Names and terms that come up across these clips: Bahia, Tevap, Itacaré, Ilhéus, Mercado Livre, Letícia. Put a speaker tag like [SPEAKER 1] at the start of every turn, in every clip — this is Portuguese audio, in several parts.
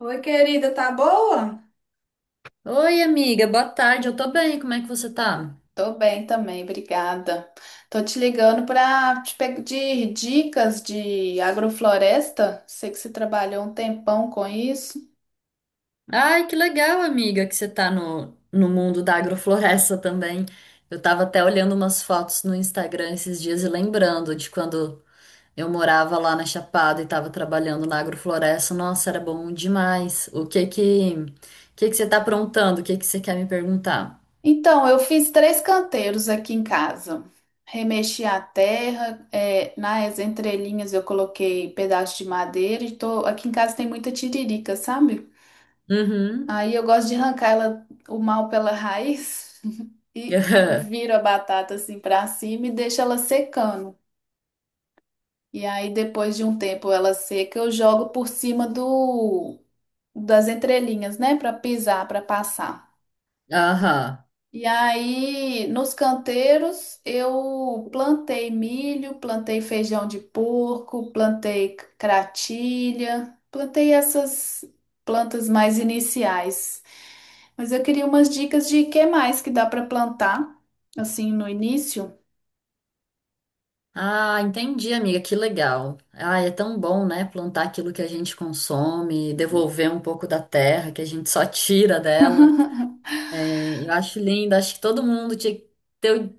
[SPEAKER 1] Oi, querida, tá boa?
[SPEAKER 2] Oi, amiga, boa tarde. Eu tô bem, como é que você tá?
[SPEAKER 1] Tô bem também, obrigada. Tô te ligando para te pedir dicas de agrofloresta. Sei que você trabalhou um tempão com isso.
[SPEAKER 2] Ai, que legal, amiga, que você tá no mundo da agrofloresta também. Eu tava até olhando umas fotos no Instagram esses dias e lembrando de quando eu morava lá na Chapada e tava trabalhando na agrofloresta. Nossa, era bom demais. O que que você tá aprontando? O que que você quer me perguntar?
[SPEAKER 1] Então, eu fiz três canteiros aqui em casa. Remexi a terra, nas entrelinhas eu coloquei pedaço de madeira aqui em casa tem muita tiririca, sabe?
[SPEAKER 2] Uhum.
[SPEAKER 1] Aí eu gosto de arrancar ela, o mal pela raiz e viro a batata assim para cima e deixo ela secando. E aí, depois de um tempo ela seca, eu jogo por cima do das entrelinhas, né? Para pisar, para passar.
[SPEAKER 2] Aham.
[SPEAKER 1] E aí, nos canteiros, eu plantei milho, plantei feijão de porco, plantei cratilha, plantei essas plantas mais iniciais. Mas eu queria umas dicas de que mais que dá para plantar, assim, no início.
[SPEAKER 2] Ah, entendi, amiga, que legal. Ah, é tão bom, né? Plantar aquilo que a gente consome, devolver um pouco da terra que a gente só tira dela. É, eu acho lindo, acho que todo mundo tinha que ter,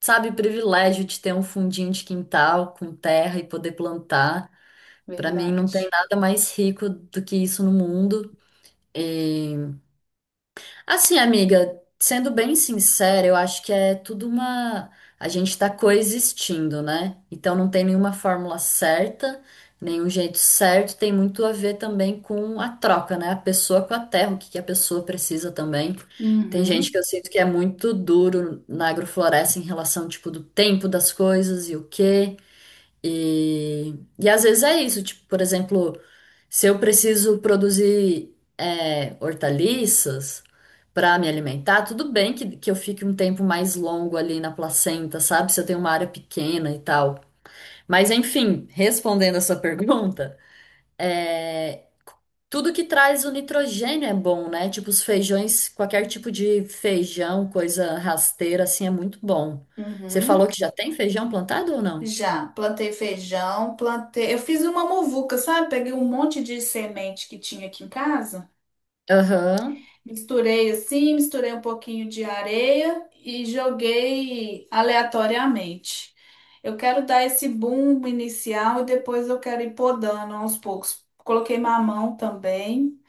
[SPEAKER 2] sabe, o privilégio de ter um fundinho de quintal com terra e poder plantar. Para mim, não tem
[SPEAKER 1] Verdade.
[SPEAKER 2] nada mais rico do que isso no mundo. Assim, amiga, sendo bem sincera, eu acho que é tudo uma. A gente tá coexistindo, né? Então não tem nenhuma fórmula certa, nenhum jeito certo. Tem muito a ver também com a troca, né? A pessoa com a terra, o que que a pessoa precisa também. Tem gente
[SPEAKER 1] Uhum,
[SPEAKER 2] que eu sinto que é muito duro na agrofloresta em relação, tipo, do tempo das coisas e o quê. E, e às vezes é isso, tipo, por exemplo, se eu preciso produzir hortaliças para me alimentar, tudo bem que eu fique um tempo mais longo ali na placenta, sabe? Se eu tenho uma área pequena e tal. Mas enfim, respondendo a sua pergunta, é, tudo que traz o nitrogênio é bom, né? Tipo, os feijões, qualquer tipo de feijão, coisa rasteira, assim, é muito bom. Você falou
[SPEAKER 1] uhum.
[SPEAKER 2] que já tem feijão plantado ou não?
[SPEAKER 1] Já, plantei feijão, plantei. Eu fiz uma muvuca, sabe? Peguei um monte de semente que tinha aqui em casa,
[SPEAKER 2] Aham.
[SPEAKER 1] misturei assim, misturei um pouquinho de areia e joguei aleatoriamente. Eu quero dar esse boom inicial e depois eu quero ir podando aos poucos. Coloquei mamão também,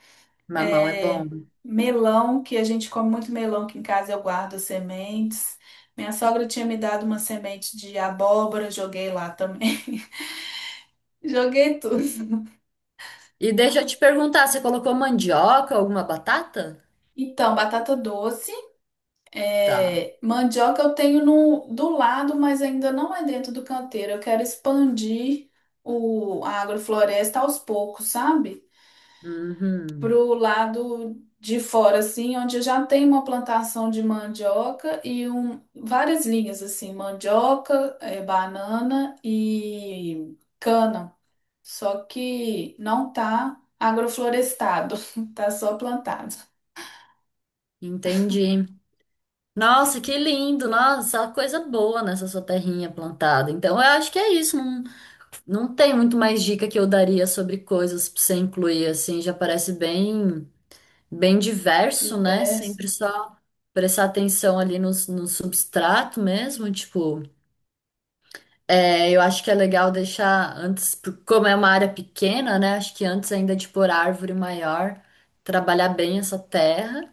[SPEAKER 2] Mamão é
[SPEAKER 1] é,
[SPEAKER 2] bom.
[SPEAKER 1] melão, que a gente come muito melão aqui em casa, eu guardo as sementes. Minha sogra tinha me dado uma semente de abóbora, joguei lá também. Joguei tudo.
[SPEAKER 2] E deixa eu te perguntar, você colocou mandioca, alguma batata?
[SPEAKER 1] Então, batata doce,
[SPEAKER 2] Tá.
[SPEAKER 1] mandioca eu tenho no, do lado, mas ainda não é dentro do canteiro. Eu quero expandir a agrofloresta aos poucos, sabe?
[SPEAKER 2] Uhum.
[SPEAKER 1] Pro lado de fora, assim, onde eu já tem uma plantação de mandioca e um, várias linhas, assim, mandioca, banana e cana. Só que não tá agroflorestado, tá só plantado.
[SPEAKER 2] Entendi. Nossa, que lindo! Nossa, só coisa boa nessa sua terrinha plantada. Então, eu acho que é isso. Não, não tem muito mais dica que eu daria sobre coisas pra você incluir, assim. Já parece bem, bem diverso, né?
[SPEAKER 1] Diversos.
[SPEAKER 2] Sempre só prestar atenção ali no substrato mesmo, tipo. É, eu acho que é legal deixar antes, como é uma área pequena, né? Acho que antes ainda de pôr árvore maior, trabalhar bem essa terra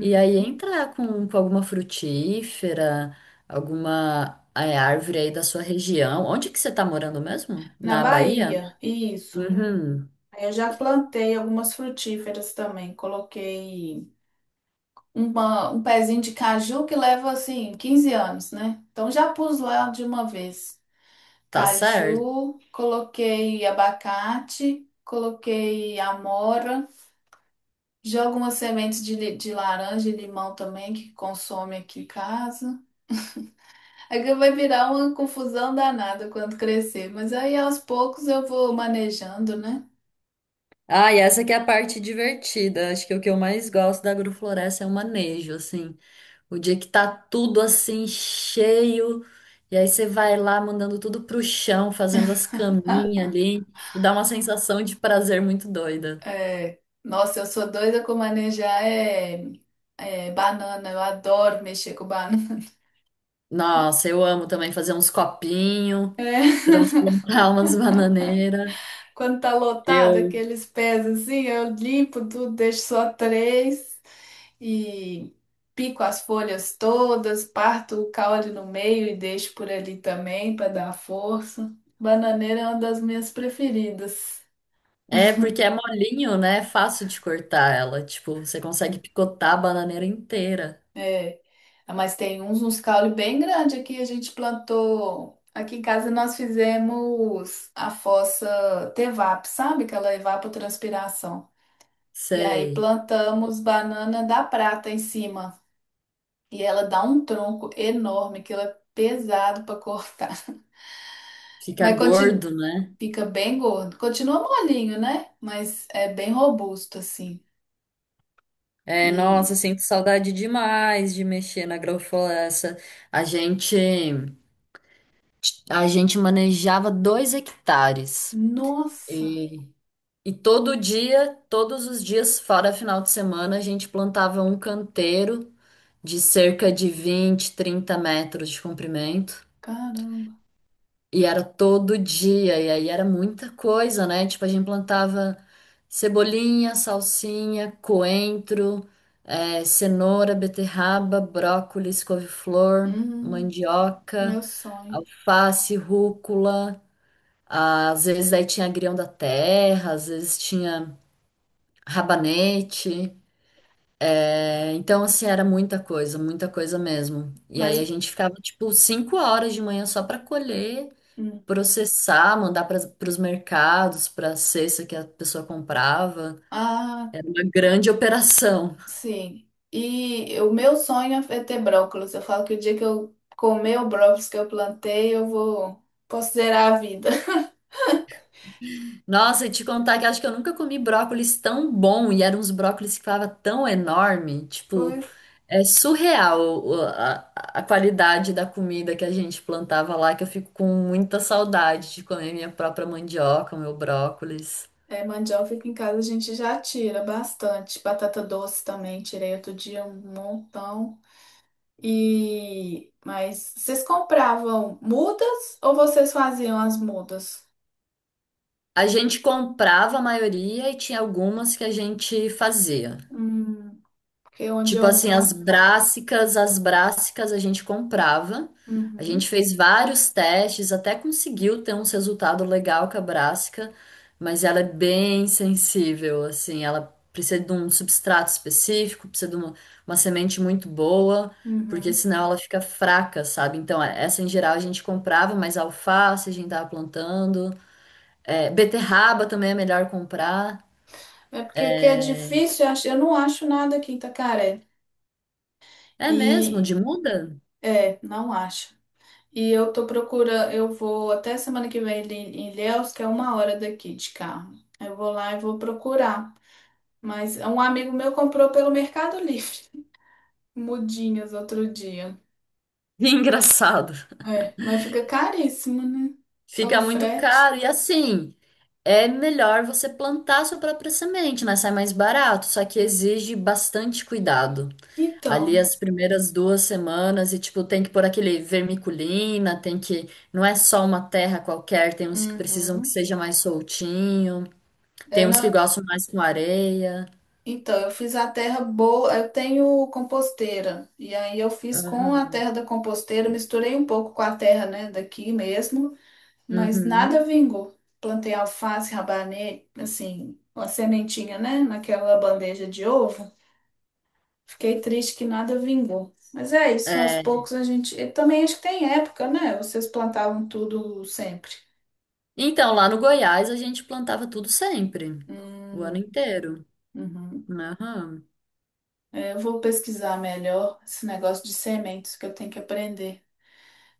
[SPEAKER 2] e aí entrar com alguma frutífera, alguma árvore aí da sua região. Onde que você tá morando mesmo?
[SPEAKER 1] Na
[SPEAKER 2] Na Bahia?
[SPEAKER 1] Bahia, isso.
[SPEAKER 2] Uhum,
[SPEAKER 1] Aí eu já plantei algumas frutíferas também. Coloquei um pezinho de caju que leva assim 15 anos, né? Então já pus lá de uma vez.
[SPEAKER 2] tá certo.
[SPEAKER 1] Caju, coloquei abacate, coloquei amora, jogo umas sementes de, de laranja e limão também que consome aqui em casa. É que vai virar uma confusão danada quando crescer, mas aí aos poucos eu vou manejando, né?
[SPEAKER 2] Ah, e essa que é a parte divertida. Acho que o que eu mais gosto da agrofloresta é o manejo, assim. O dia que tá tudo assim cheio, e aí você vai lá mandando tudo pro chão, fazendo as caminhas ali, tipo, dá uma sensação de prazer muito doida.
[SPEAKER 1] É, nossa, eu sou doida com manejar banana. Eu adoro mexer com banana.
[SPEAKER 2] Nossa, eu amo também fazer uns copinhos,
[SPEAKER 1] É,
[SPEAKER 2] transplantar umas bananeiras.
[SPEAKER 1] quando tá lotado,
[SPEAKER 2] Eu...
[SPEAKER 1] aqueles pés assim, eu limpo tudo, deixo só três e pico as folhas todas, parto o caule no meio e deixo por ali também para dar força. Bananeira é uma das minhas preferidas.
[SPEAKER 2] É porque é molinho, né? É fácil de cortar ela. Tipo, você consegue picotar a bananeira inteira.
[SPEAKER 1] É, ah, mas tem uns, uns caule bem grande aqui. A gente plantou. Aqui em casa nós fizemos a fossa Tevap, sabe? Que ela evapotranspiração. E aí
[SPEAKER 2] Sei.
[SPEAKER 1] plantamos banana da prata em cima. E ela dá um tronco enorme, que ela é pesado para cortar.
[SPEAKER 2] Fica
[SPEAKER 1] Mas continua,
[SPEAKER 2] gordo, né?
[SPEAKER 1] fica bem gordo. Continua molinho, né? Mas é bem robusto assim.
[SPEAKER 2] É, nossa,
[SPEAKER 1] E
[SPEAKER 2] sinto saudade demais de mexer na agrofloresta. A gente, a gente manejava 2 hectares.
[SPEAKER 1] nossa,
[SPEAKER 2] E, e todo dia, todos os dias, fora final de semana, a gente plantava um canteiro de cerca de 20, 30 metros de comprimento.
[SPEAKER 1] caramba.
[SPEAKER 2] E era todo dia, e aí era muita coisa, né? Tipo, a gente plantava cebolinha, salsinha, coentro, cenoura, beterraba, brócolis, couve-flor,
[SPEAKER 1] Hum, meu
[SPEAKER 2] mandioca,
[SPEAKER 1] sonho.
[SPEAKER 2] alface, rúcula. Ah, às vezes aí tinha agrião da terra, às vezes tinha rabanete. Então, assim, era muita coisa mesmo. E aí
[SPEAKER 1] Mas
[SPEAKER 2] a gente ficava, tipo, 5 horas de manhã só para colher
[SPEAKER 1] hum.
[SPEAKER 2] processar, mandar para os mercados, para a cesta que a pessoa comprava.
[SPEAKER 1] Ah,
[SPEAKER 2] Uma grande operação.
[SPEAKER 1] sim. E o meu sonho é ter brócolis. Eu falo que o dia que eu comer o brócolis que eu plantei, eu vou considerar a vida.
[SPEAKER 2] Nossa, e te contar que acho que eu nunca comi brócolis tão bom e eram uns brócolis que ficava tão enorme. Tipo,
[SPEAKER 1] Pois
[SPEAKER 2] é surreal a qualidade da comida que a gente plantava lá, que eu fico com muita saudade de comer minha própria mandioca, meu brócolis.
[SPEAKER 1] é, mandioca aqui em casa a gente já tira bastante. Batata doce também, tirei outro dia um montão. E mas vocês compravam mudas ou vocês faziam as mudas?
[SPEAKER 2] A gente comprava a maioria e tinha algumas que a gente fazia.
[SPEAKER 1] Hum, porque onde
[SPEAKER 2] Tipo
[SPEAKER 1] eu
[SPEAKER 2] assim,
[SPEAKER 1] moro.
[SPEAKER 2] as brássicas a gente comprava. A gente
[SPEAKER 1] Uhum,
[SPEAKER 2] fez vários testes, até conseguiu ter uns resultados legal com a brássica, mas ela é bem sensível, assim, ela precisa de um substrato específico, precisa de uma semente muito boa, porque
[SPEAKER 1] uhum.
[SPEAKER 2] senão ela fica fraca, sabe? Então, essa em geral a gente comprava, mas alface a gente tava plantando, beterraba também é melhor comprar.
[SPEAKER 1] É porque aqui é difícil, eu não acho nada aqui em Itacaré.
[SPEAKER 2] É mesmo,
[SPEAKER 1] E
[SPEAKER 2] de muda?
[SPEAKER 1] É, não acho. E eu tô procurando, eu vou até semana que vem ali em Ilhéus, que é uma hora daqui de carro. Eu vou lá e vou procurar. Mas um amigo meu comprou pelo Mercado Livre, mudinhas outro dia.
[SPEAKER 2] Engraçado.
[SPEAKER 1] É, mas fica caríssimo, né? Só o
[SPEAKER 2] Fica muito
[SPEAKER 1] frete.
[SPEAKER 2] caro. E assim, é melhor você plantar sua própria semente, né? Sai mais barato, só que exige bastante cuidado. Ali
[SPEAKER 1] Então,
[SPEAKER 2] as primeiras 2 semanas, e tipo, tem que pôr aquele vermiculina, tem que. Não é só uma terra qualquer, tem uns que precisam que
[SPEAKER 1] uhum.
[SPEAKER 2] seja mais soltinho,
[SPEAKER 1] É
[SPEAKER 2] tem uns que
[SPEAKER 1] na-
[SPEAKER 2] gostam mais com areia.
[SPEAKER 1] Então, eu fiz a terra boa, eu tenho composteira. E aí eu fiz com a
[SPEAKER 2] Aham.
[SPEAKER 1] terra da composteira, misturei um pouco com a terra, né, daqui mesmo. Mas nada
[SPEAKER 2] Uhum.
[SPEAKER 1] vingou. Plantei alface, rabanete, assim, uma sementinha, né? Naquela bandeja de ovo. Fiquei triste que nada vingou. Mas é isso, aos
[SPEAKER 2] É.
[SPEAKER 1] poucos a gente. E também acho que tem época, né? Vocês plantavam tudo sempre.
[SPEAKER 2] Então, lá no Goiás, a gente plantava tudo sempre, o ano
[SPEAKER 1] Hum,
[SPEAKER 2] inteiro.
[SPEAKER 1] uhum.
[SPEAKER 2] Aham.
[SPEAKER 1] É, eu vou pesquisar melhor esse negócio de sementes que eu tenho que aprender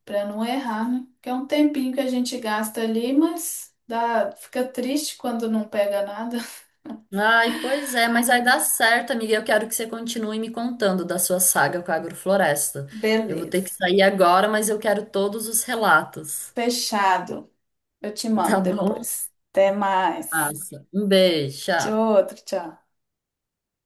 [SPEAKER 1] para não errar, né? Que é um tempinho que a gente gasta ali, mas dá, fica triste quando não pega nada.
[SPEAKER 2] Ai, pois é, mas vai dar certo, amiga. Eu quero que você continue me contando da sua saga com a agrofloresta. Eu vou ter que
[SPEAKER 1] Beleza.
[SPEAKER 2] sair agora, mas eu quero todos os relatos.
[SPEAKER 1] Fechado. Eu te
[SPEAKER 2] Tá
[SPEAKER 1] mando
[SPEAKER 2] bom?
[SPEAKER 1] depois. Até mais.
[SPEAKER 2] Massa. Um beijo, tchau.
[SPEAKER 1] Tchau, outro, tchau.